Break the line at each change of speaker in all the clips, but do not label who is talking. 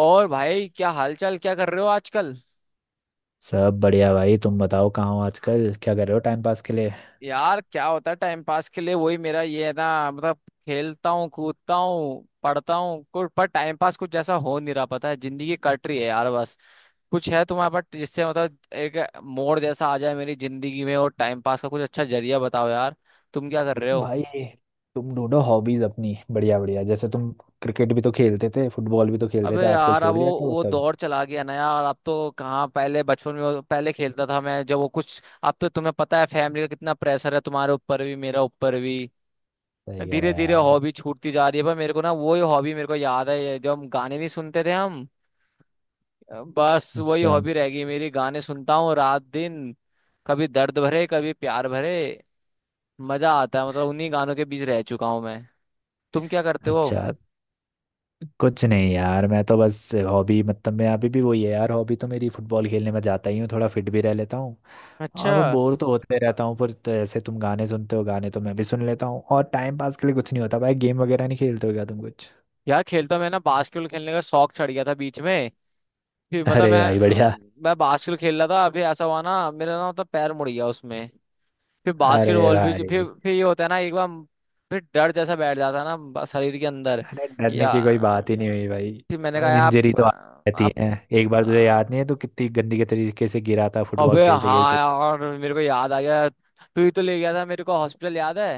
और भाई क्या हालचाल क्या कर रहे हो आजकल।
सब बढ़िया भाई। तुम बताओ कहाँ हो आजकल, क्या कर रहे हो टाइम पास के लिए?
यार क्या होता है टाइम पास के लिए। वही मेरा ये है ना मतलब खेलता हूँ कूदता हूँ पढ़ता हूँ। कुछ पर टाइम पास कुछ जैसा हो नहीं रहा। पता है जिंदगी कट रही है यार बस। कुछ है तुम्हारे पास जिससे मतलब एक मोड़ जैसा आ जाए मेरी जिंदगी में और टाइम पास का कुछ अच्छा जरिया बताओ यार। तुम क्या कर रहे हो।
भाई, तुम ढूंढो हॉबीज अपनी बढ़िया बढ़िया, जैसे तुम क्रिकेट भी तो खेलते थे, फुटबॉल भी तो खेलते
अबे
थे, आजकल
यार अब
छोड़
वो
दिया क्या वो
वो
सब?
दौर चला गया ना यार। अब तो कहाँ पहले बचपन में पहले खेलता था मैं जब वो कुछ। अब तो तुम्हें पता है फैमिली का कितना प्रेशर है तुम्हारे ऊपर भी मेरा ऊपर भी।
सही कह रहा
धीरे
है
धीरे
यार।
हॉबी छूटती जा रही है पर मेरे को ना वही हॉबी मेरे को याद है। ये जो हम गाने नहीं सुनते थे हम बस वही
अच्छा,
हॉबी रह गई मेरी। गाने सुनता हूँ रात दिन कभी दर्द भरे कभी प्यार भरे। मजा आता है मतलब उन्हीं गानों के बीच रह चुका हूँ मैं। तुम क्या करते हो।
अच्छा। कुछ नहीं यार, मैं तो बस हॉबी मतलब मैं अभी भी वही है यार। हॉबी तो मेरी फुटबॉल खेलने में जाता ही हूँ, थोड़ा फिट भी रह लेता हूँ। और
अच्छा।
मैं बोर तो होते रहता हूँ पर तो ऐसे, तुम गाने सुनते हो, गाने तो मैं भी सुन लेता हूँ, और टाइम पास के लिए कुछ नहीं होता भाई। गेम वगैरह नहीं खेलते हो क्या तुम कुछ?
यार खेलता मैं ना बास्केटबॉल खेलने का शौक चढ़ गया था बीच में। फिर मतलब
अरे भाई, बढ़िया।
मैं बास्केटबॉल खेल रहा था। अभी ऐसा हुआ ना मेरा ना मतलब पैर मुड़ गया उसमें। फिर
अरे
बास्केटबॉल भी फिर
भाई।
ये होता है ना एक बार। फिर डर जैसा बैठ जाता है ना शरीर के अंदर।
अरे, डरने
या
की कोई बात ही नहीं हुई
फिर मैंने कहा
भाई,
यार
इंजरी तो आती रहती
आप
है। एक बार तुझे
आ,
याद नहीं है, तू कितनी गंदी के तरीके से गिरा था फुटबॉल
अबे
खेलते
हाँ
खेलते।
यार मेरे को याद आ गया। तू ही तो ले गया था मेरे को हॉस्पिटल याद है।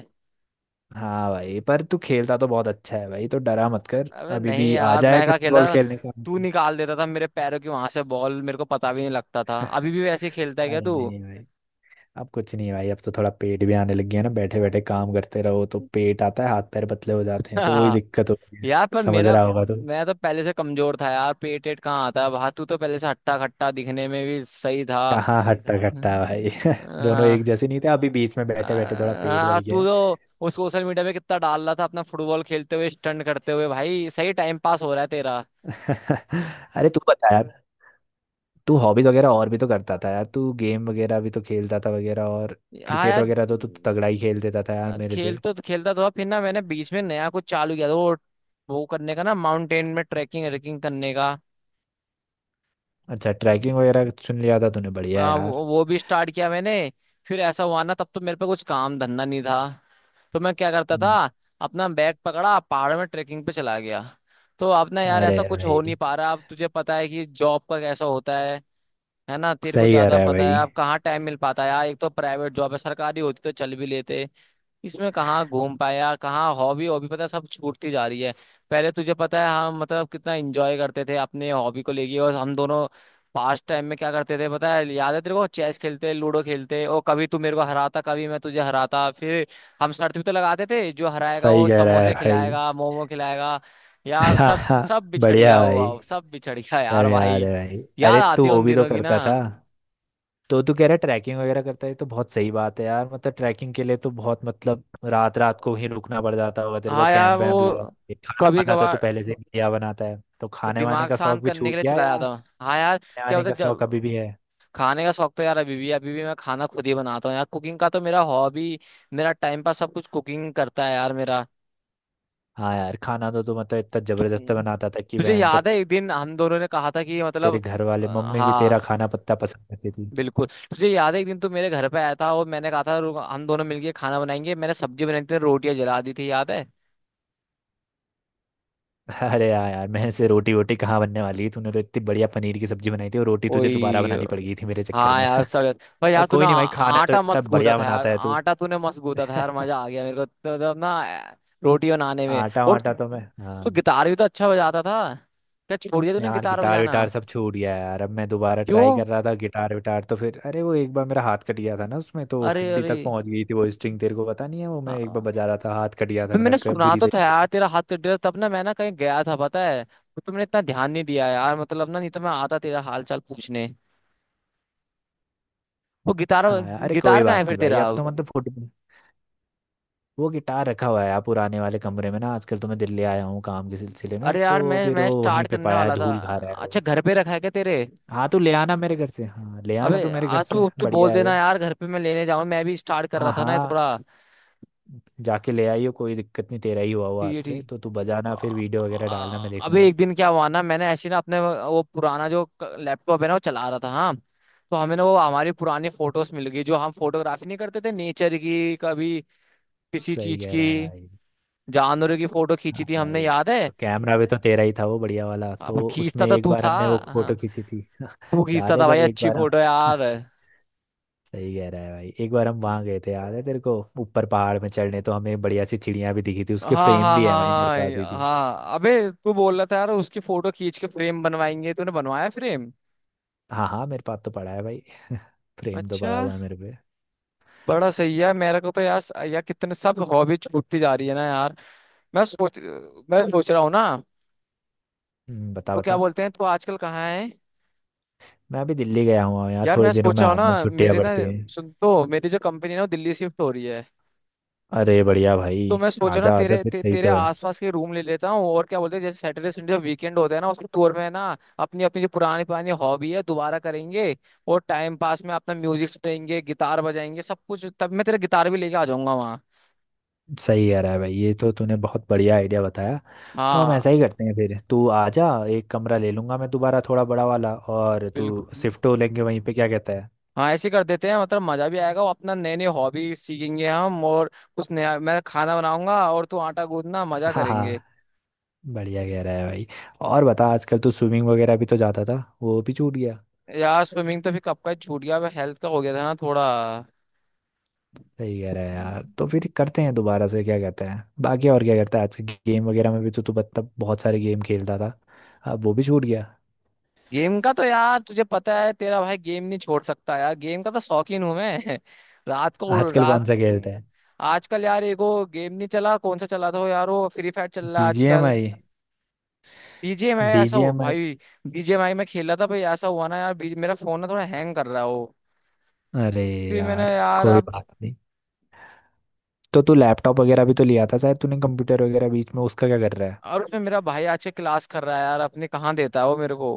हाँ भाई, पर तू खेलता तो बहुत अच्छा है भाई, तो डरा मत कर।
अबे
अभी
नहीं
भी आ
यार मैं
जाएगा
क्या
फुटबॉल
खेलता था।
खेलने से
तू
हमको।
निकाल देता था मेरे पैरों की वहां से बॉल मेरे को पता भी नहीं लगता था। अभी भी वैसे ही खेलता है क्या
अरे
तू।
नहीं भाई। अब कुछ नहीं भाई, अब तो थोड़ा पेट भी आने लग गया ना। बैठे बैठे काम करते रहो तो पेट आता है, हाथ पैर पतले हो जाते हैं, तो वही
हाँ।
दिक्कत होती है।
यार पर
समझ
मेरा
रहा होगा तो।
मैं तो पहले से कमजोर था यार। पेट एट कहाँ आता है बाहर। तू तो पहले से हट्टा खट्टा दिखने में भी सही था।
कहाँ हट्टा कट्टा भाई,
हम्म।
दोनों
आ,
एक जैसे नहीं थे, अभी बीच में
आ,
बैठे बैठे थोड़ा पेट बढ़
आ,
गया
तू
है।
तो वो सोशल मीडिया पे कितना डाल रहा था अपना फुटबॉल खेलते हुए स्टंट करते हुए। भाई सही टाइम पास हो रहा है तेरा।
अरे तू बता यार, तू हॉबीज वगैरह और भी तो करता था यार। तू गेम वगैरह भी तो खेलता था वगैरह, और
हाँ
क्रिकेट
यार
वगैरह तो तू तगड़ा ही खेल देता था यार, मेरे
खेल
से।
तो खेलता तो था। फिर ना मैंने बीच में नया कुछ चालू किया था वो करने का ना माउंटेन में ट्रैकिंग रेकिंग करने का।
अच्छा, ट्रैकिंग वगैरह चुन लिया था तूने, बढ़िया यार।
वो भी स्टार्ट किया मैंने। फिर ऐसा हुआ ना तब तो मेरे पे कुछ काम धंधा नहीं था तो मैं क्या करता था।
हम्म।
अपना बैग पकड़ा पहाड़ों में ट्रेकिंग पे चला गया। तो अपना यार
अरे
ऐसा कुछ हो
भाई।
नहीं पा रहा। अब तुझे पता है कि जॉब का कैसा होता है। है ना तेरे को
सही कह
ज्यादा
रहा है
पता
भाई।
है। अब कहाँ टाइम मिल पाता है यार। एक तो प्राइवेट जॉब है सरकारी होती तो चल भी लेते। इसमें कहाँ घूम पाया कहाँ हॉबी। हॉबी पता है, सब छूटती जा रही है। पहले तुझे पता है हम मतलब कितना एंजॉय करते थे अपने हॉबी को लेके और हम दोनों पास्ट टाइम में क्या करते थे। पता है याद है तेरे को चेस खेलते लूडो खेलते। और कभी तू मेरे को हराता कभी मैं तुझे हराता। फिर हम शर्त भी तो लगाते थे जो हराएगा वो
सही कह रहा है
समोसे
भाई।
खिलाएगा मोमो खिलाएगा। यार
हाँ,
सब
हाँ।
सब बिछड़
बढ़िया
गया वो
भाई।
अब, सब बिछड़ गया
सब
यार
याद है
भाई।
भाई।
याद
अरे तू
आते हैं
वो
उन
भी तो
दिनों की ना।
करता था। तो तू कह रहा है ट्रैकिंग वगैरह करता है, तो बहुत सही बात है यार, मतलब ट्रैकिंग के लिए तो बहुत मतलब रात रात
हाँ
को ही रुकना पड़ जाता होगा तेरे को
हाँ यार
कैंप वैम्प लगा
वो
के। खाना
कभी
वाना तो तू
कभार
पहले से ही बढ़िया बनाता है, तो
वो
खाने वाने
दिमाग
का
शांत
शौक भी
करने के
छूट
लिए
गया
चलाया
यार?
था। हाँ यार
खाने
क्या
वाने
होता
का
है
शौक अभी
जब
भी है।
खाने का शौक तो यार अभी भी मैं खाना खुद ही बनाता हूँ यार। कुकिंग का तो मेरा हॉबी मेरा टाइम पास सब कुछ। कुकिंग करता है यार मेरा।
हाँ यार, खाना तो तू मतलब इतना
तु,
जबरदस्त
हम्म।
बनाता था कि
तुझे
भयंकर।
याद है एक दिन हम दोनों ने कहा था कि
तेरे
मतलब
घर वाले मम्मी भी तेरा खाना
हाँ
पत्ता पसंद करती थी।
बिल्कुल। तुझे याद है एक दिन तू मेरे घर पे आया था और मैंने कहा था हम दोनों मिलके खाना बनाएंगे"। मैंने सब्जी बनाई थी रोटियां जला दी थी याद है।
अरे यार यार, मेरे से रोटी वोटी कहाँ बनने वाली है, तूने तो इतनी बढ़िया पनीर की सब्जी बनाई थी, और रोटी तुझे दोबारा
ओए
बनानी पड़ गई थी मेरे चक्कर
हाँ
में।
यार सब। भाई
पर
यार तूने
कोई नहीं भाई, खाना तो
आटा
इतना
मस्त गूंदा
बढ़िया
था यार।
बनाता है तू।
आटा तूने मस्त गूंदा था यार मजा आ गया मेरे को तो ना रोटी बनाने में
आटा
और
वाटा
तू।
तो मैं, हाँ।
तू गिटार भी तो अच्छा बजाता था क्या छोड़ दिया तूने
यार,
गिटार
गिटार
बजाना।
विटार सब छूट गया यार। अब मैं दोबारा ट्राई
क्यों
कर रहा था गिटार विटार, तो फिर अरे वो एक बार मेरा हाथ कट गया था ना उसमें, तो
अरे
हड्डी
अरे
तक पहुंच गई थी। वो स्ट्रिंग तेरे को पता नहीं है, वो मैं एक बार
हाँ।
बजा रहा था, हाथ कट गया था
अबे
मेरा
मैंने सुना
बुरी
तो था
तरीके से।
यार तेरा हाथ तेरा तब ना मैं ना कहीं गया था पता है तो तुमने इतना ध्यान नहीं दिया यार मतलब। ना नहीं तो मैं आता तेरा हाल चाल पूछने। वो गिटार
हाँ यार, अरे कोई
गिटार कहाँ है
बात
फिर
नहीं भाई।
तेरा
अब तो
अब।
मतलब फुट वो गिटार रखा हुआ है यार पुराने वाले कमरे में ना। आजकल तो मैं दिल्ली आया हूँ काम के सिलसिले में,
अरे यार
तो
मैं
फिर
मैं
वो
स्टार्ट
वहीं पे
करने
पड़ा है,
वाला था।
धूल खा रहा है वो।
अच्छा घर पे रखा है क्या तेरे।
हाँ तो ले आना मेरे घर से, हाँ ले
अबे
आना तू मेरे
आ
घर से,
तू तू बोल
बढ़िया है वो।
देना यार घर पे। मैं लेने जाऊँ मैं भी स्टार्ट कर
हाँ
रहा था ना ये
हाँ,
थोड़ा।
जाके ले आइयो, कोई दिक्कत नहीं। तेरा ही हुआ हुआ
ठीक है
हाथ से
ठीक।
तो, तू बजाना फिर
आ-
वीडियो वगैरह डालना, मैं
अबे
देखूंगा।
एक दिन क्या हुआ ना। मैंने ऐसे ना अपने वो पुराना जो लैपटॉप है ना वो चला रहा था। हाँ तो हमें ना वो हमारी पुरानी फोटोज मिल गई जो हम फोटोग्राफी नहीं करते थे नेचर की कभी किसी
सही
चीज
कह
की।
रहा है भाई।
जानवरों की फोटो खींची
हाँ
थी हमने
भाई।
याद है।
तो कैमरा भी तो तेरा ही था वो बढ़िया वाला,
अब
तो
खींचता
उसमें
तो
एक
तू
बार
था
हमने वो
हाँ।
फोटो खींची थी।
तू
याद
खींचता
है
था भाई
जब एक
अच्छी
बार
फोटो
हम
यार।
सही कह रहा है भाई, एक बार हम वहां गए थे, याद है तेरे को, ऊपर पहाड़ में चढ़ने, तो हमें बढ़िया सी चिड़िया भी दिखी थी,
हाँ
उसके फ्रेम
हाँ हाँ
भी है भाई मेरे पास अभी
हाँ
भी।
हाँ अबे तू बोल रहा था यार उसकी फोटो खींच के फ्रेम बनवाएंगे। तूने बनवाया फ्रेम।
हाँ हाँ, मेरे पास तो पड़ा है भाई। फ्रेम तो
अच्छा
पड़ा हुआ है मेरे पे।
बड़ा सही है मेरे को तो यार। यार कितने सब हॉबी छूटती जा रही है ना यार। मैं सोच मैं सोच रहा हूँ ना।
बता
तो क्या
बता।
बोलते हैं तू आजकल कहाँ है।
मैं अभी दिल्ली गया हुआ हूँ यार,
यार
थोड़े
मैं
दिनों
सोच
में
रहा
आ
हूँ
रहा हूँ,
ना
छुट्टियाँ
मेरे ना
पड़ती हैं।
सुन तो मेरी जो कंपनी है ना वो दिल्ली शिफ्ट हो रही है।
अरे बढ़िया
तो
भाई।
मैं सोच रहा ना
आजा आजा फिर, सही
तेरे
तो है।
आसपास के रूम ले लेता हूँ। और क्या बोलते हैं जैसे सैटरडे संडे जब वीकेंड होता है ना उसको टूर में ना अपनी अपनी जो पुरानी पुरानी हॉबी है दोबारा करेंगे। और टाइम पास में अपना म्यूजिक सुनेंगे गिटार बजाएंगे सब कुछ। तब मैं तेरा गिटार भी लेके आ जाऊंगा वहाँ।
सही कह रहा है भाई, ये तो तूने बहुत बढ़िया आइडिया बताया। तो हम
हाँ
ऐसा ही करते हैं, फिर तू आजा। एक कमरा ले लूंगा मैं दोबारा थोड़ा बड़ा वाला, और तू
बिल्कुल।
शिफ्ट हो लेंगे वहीं पे, क्या कहता है?
हाँ ऐसे कर देते हैं मतलब मजा भी आएगा। और अपना नए नए हॉबी सीखेंगे हम। और कुछ नया मैं खाना बनाऊंगा और तू आटा गूंदना मजा
हाँ
करेंगे।
हाँ, बढ़िया कह रहा है भाई। और बता, आजकल तू स्विमिंग वगैरह भी तो जाता था, वो भी छूट गया?
यार स्विमिंग तो फिर कब का ही छूट गया। हेल्थ का हो गया था ना थोड़ा।
सही कह रहा है यार, तो फिर करते हैं दोबारा से, क्या कहते हैं? बाकी और क्या करता है आजकल, गेम वगैरह में भी तो तू मतलब बहुत सारे गेम खेलता था, अब वो भी छूट गया।
गेम का तो यार तुझे पता है तेरा भाई गेम नहीं छोड़ सकता यार। गेम का तो शौकीन हूं मैं। रात को
आजकल
रात।
कौन सा खेलता
हम्म।
है?
आजकल यार एगो गेम नहीं चला कौन सा चला था वो यार। वो फ्री फायर चल रहा है आजकल।
BGMI?
बीजीएमआई भाई। बीजीएमआई में खेला था भाई। ऐसा हुआ ना यार मेरा फोन ना थोड़ा हैंग कर रहा है वो।
अरे
फिर मैंने
यार,
यार
कोई
अब।
बात नहीं। तो तू लैपटॉप वगैरह भी तो लिया था शायद तूने, कंप्यूटर वगैरह बीच में, उसका क्या कर रहा है?
और उसमें मेरा भाई आज से क्लास कर रहा है यार। अपने कहाँ देता है वो मेरे को।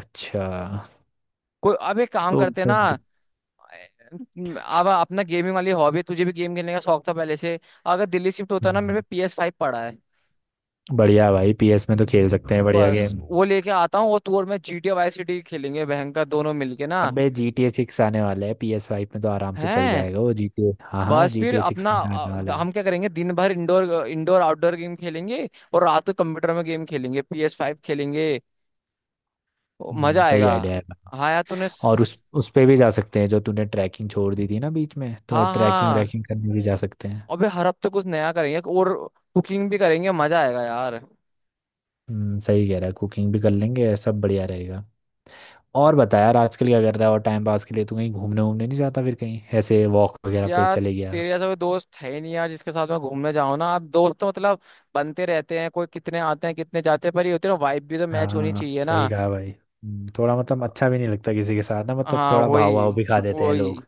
अच्छा।
कोई अब एक काम
तो
करते हैं ना। अब अपना गेमिंग वाली हॉबी है तुझे भी गेम खेलने का शौक था पहले से। अगर दिल्ली शिफ्ट होता ना
हम्म,
मेरे पे पी एस फाइव पड़ा है।
बढ़िया भाई, PS में तो खेल सकते हैं बढ़िया
बस
गेम।
वो लेके आता हूँ और तू और मैं G T A vice city खेलेंगे बहन का दोनों मिलके ना।
अबे GTA 6 आने वाला है, PS5 में तो आराम से चल
हैं
जाएगा वो GTA। हाँ हाँ,
बस
जी
फिर
टी ए सिक्स
अपना
में आने वाला है।
हम क्या करेंगे दिन भर। इंडोर इंडोर आउटडोर गेम खेलेंगे। और रात को कंप्यूटर में गेम खेलेंगे पी एस फाइव खेलेंगे। मजा
सही
आएगा।
आइडिया है भाई।
हाँ यार
और उस उस पे भी जा सकते हैं जो तूने ट्रैकिंग छोड़ दी थी ना बीच में, तो
हाँ
ट्रैकिंग
हाँ
व्रैकिंग करने भी जा सकते हैं।
अबे हर हफ्ते कुछ नया करेंगे। और कुकिंग भी करेंगे मजा आएगा यार।
सही कह रहा है, कुकिंग भी कर लेंगे, सब बढ़िया रहेगा। और बता यार आजकल क्या कर रहा है और टाइम पास के लिए, तू कहीं घूमने वूमने नहीं जाता फिर, कहीं ऐसे वॉक वगैरह पे
यार
चले गया?
तेरे जैसा कोई दोस्त है ही नहीं यार जिसके साथ मैं घूमने जाऊं ना। आप दोस्त तो मतलब बनते रहते हैं कोई कितने आते हैं कितने जाते हैं। पर ये होते हैं वाइब भी तो मैच होनी
हाँ
चाहिए ना।
सही कहा भाई। थोड़ा मतलब अच्छा भी नहीं लगता किसी के साथ ना, मतलब
हाँ
थोड़ा भाव भाव
वही
भी खा देते हैं
वही।
लोग।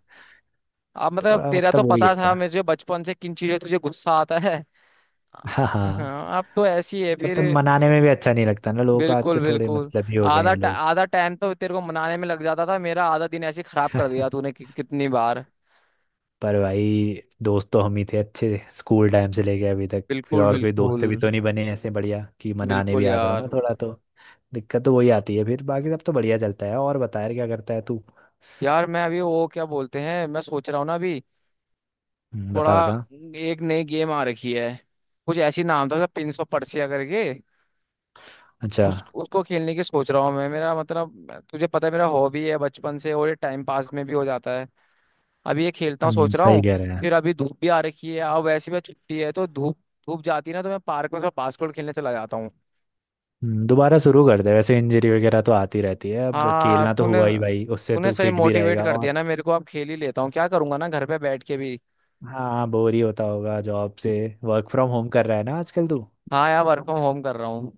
आप मतलब
थोड़ा
तेरा तो
मतलब वही
पता था
है।
मुझे बचपन से किन चीजों तुझे गुस्सा आता है।
हाँ हाँ।
हाँ अब तो ऐसी है फिर।
मतलब मनाने में भी अच्छा नहीं लगता ना लोगों को, आज
बिल्कुल
के थोड़े
बिल्कुल
मतलब ही हो गए हैं लोग।
आधा टाइम तो तेरे को मनाने में लग जाता था। मेरा आधा दिन ऐसे ही खराब कर दिया तूने कि, कितनी बार।
पर भाई दोस्त तो हम ही थे अच्छे, स्कूल टाइम से लेके अभी तक। फिर
बिल्कुल
और कोई
बिल्कुल
दोस्त भी तो नहीं बने ऐसे बढ़िया कि मनाने भी
बिल्कुल
आ जाओ
यार।
ना थोड़ा तो। दिक्कत तो वही आती है, फिर बाकी सब तो बढ़िया चलता है। और बता यार क्या करता है तू?
यार मैं अभी वो क्या बोलते हैं मैं सोच रहा हूँ ना अभी थोड़ा।
बता बता।
एक नई गेम आ रखी है कुछ ऐसी नाम था पिंस ऑफ पर्सिया करके।
अच्छा।
उस उसको खेलने की सोच रहा हूँ मैं। मेरा मतलब तुझे पता है मेरा हॉबी है बचपन से और ये टाइम पास में भी हो जाता है। अभी ये खेलता हूँ सोच रहा
सही
हूँ।
कह रहे हैं।
फिर अभी धूप भी आ रखी है अब वैसे भी छुट्टी है तो धूप धूप जाती है ना तो मैं पार्क में थोड़ा बास्केटबॉल खेलने चला जाता हूँ।
दोबारा शुरू कर दे, वैसे इंजरी वगैरह तो आती रहती है, अब
हाँ
खेलना तो
तूने
हुआ ही भाई, उससे
तूने
तू
सही
फिट भी
मोटिवेट
रहेगा
कर दिया
और।
ना मेरे को। अब खेल ही लेता हूँ क्या करूंगा ना घर पे बैठ के भी।
हाँ, बोर ही होता होगा जॉब से। वर्क फ्रॉम होम कर रहा है ना आजकल तू?
हाँ यार वर्क फ्रॉम होम कर रहा हूँ।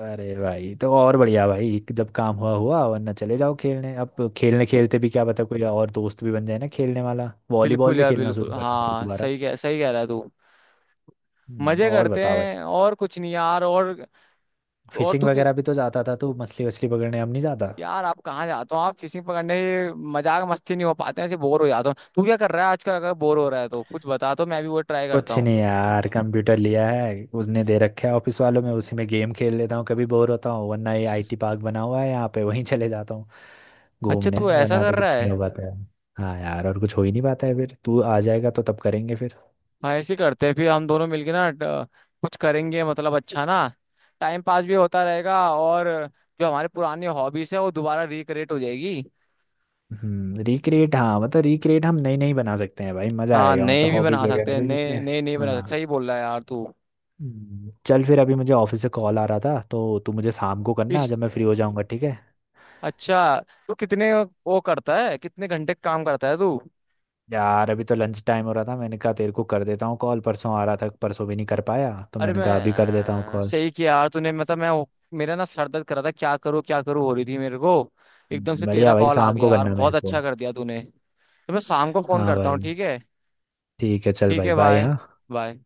अरे भाई तो और बढ़िया भाई, जब काम हुआ हुआ वरना चले जाओ खेलने, अब खेलने खेलते भी क्या पता कोई और दोस्त भी बन जाए ना खेलने वाला, वॉलीबॉल
बिल्कुल
भी
यार
खेलना
बिल्कुल
शुरू कर देते
हाँ
दोबारा।
सही कह रहा है तू। मजे
और
करते
बता भाई,
हैं और कुछ नहीं यार। और
फिशिंग
तू
वगैरह भी तो जाता था तू, मछली वछली पकड़ने, अब नहीं जाता?
यार आप कहाँ जाते हो आप फिशिंग पकड़ने। मजाक मस्ती नहीं हो पाते हैं ऐसे बोर हो जाता हूँ। तू क्या कर रहा है आजकल अगर बोर हो रहा है तो कुछ बता तो मैं भी वो ट्राई करता
कुछ
हूँ।
नहीं यार, कंप्यूटर लिया है उसने दे रखा है ऑफिस वालों में, उसी में गेम खेल लेता हूँ कभी बोर होता हूँ, वरना ये IT पार्क बना हुआ है यहाँ पे, वहीं चले जाता हूँ
अच्छा
घूमने,
तू ऐसा
वरना तो
कर रहा
कुछ नहीं
है।
हो पाता है। हाँ यार, और कुछ हो ही नहीं पाता है, फिर तू आ जाएगा तो तब करेंगे फिर।
हाँ ऐसे करते हैं फिर हम दोनों मिलके ना कुछ करेंगे मतलब अच्छा ना। टाइम पास भी होता रहेगा। और जो हमारे पुरानी हॉबीज है वो दोबारा रिक्रिएट हो जाएगी।
हम्म, रिक्रिएट हाँ, मतलब रिक्रिएट हम नई नई बना सकते हैं भाई, मजा
हाँ
आएगा,
नए
मतलब
भी
हॉबीज
बना
वगैरह
सकते हैं
अभी कहते
नए
हैं।
नए नहीं बना सकते।
हाँ।
सही बोल रहा है यार तू।
चल फिर, अभी मुझे ऑफिस से कॉल आ रहा था, तो तू मुझे शाम को करना
इस
जब मैं फ्री हो जाऊंगा, ठीक है?
अच्छा तू कितने वो करता है कितने घंटे काम करता है तू।
यार अभी तो लंच टाइम हो रहा था, मैंने कहा तेरे को कर देता हूँ कॉल। परसों आ रहा था, परसों भी नहीं कर पाया, तो
अरे
मैंने कहा अभी कर देता हूँ
मैं
कॉल।
सही किया यार तूने मतलब मैं। मेरा ना सर दर्द कर रहा था क्या करूँ हो रही थी मेरे को। एकदम से तेरा
बढ़िया भाई,
कॉल आ
शाम
गया
को
यार
करना मेरे
बहुत
को।
अच्छा कर दिया तूने तो। मैं शाम को फोन
हाँ
करता
भाई,
हूँ ठीक है।
ठीक है, चल
ठीक
भाई,
है
बाय
बाय
हाँ।
बाय।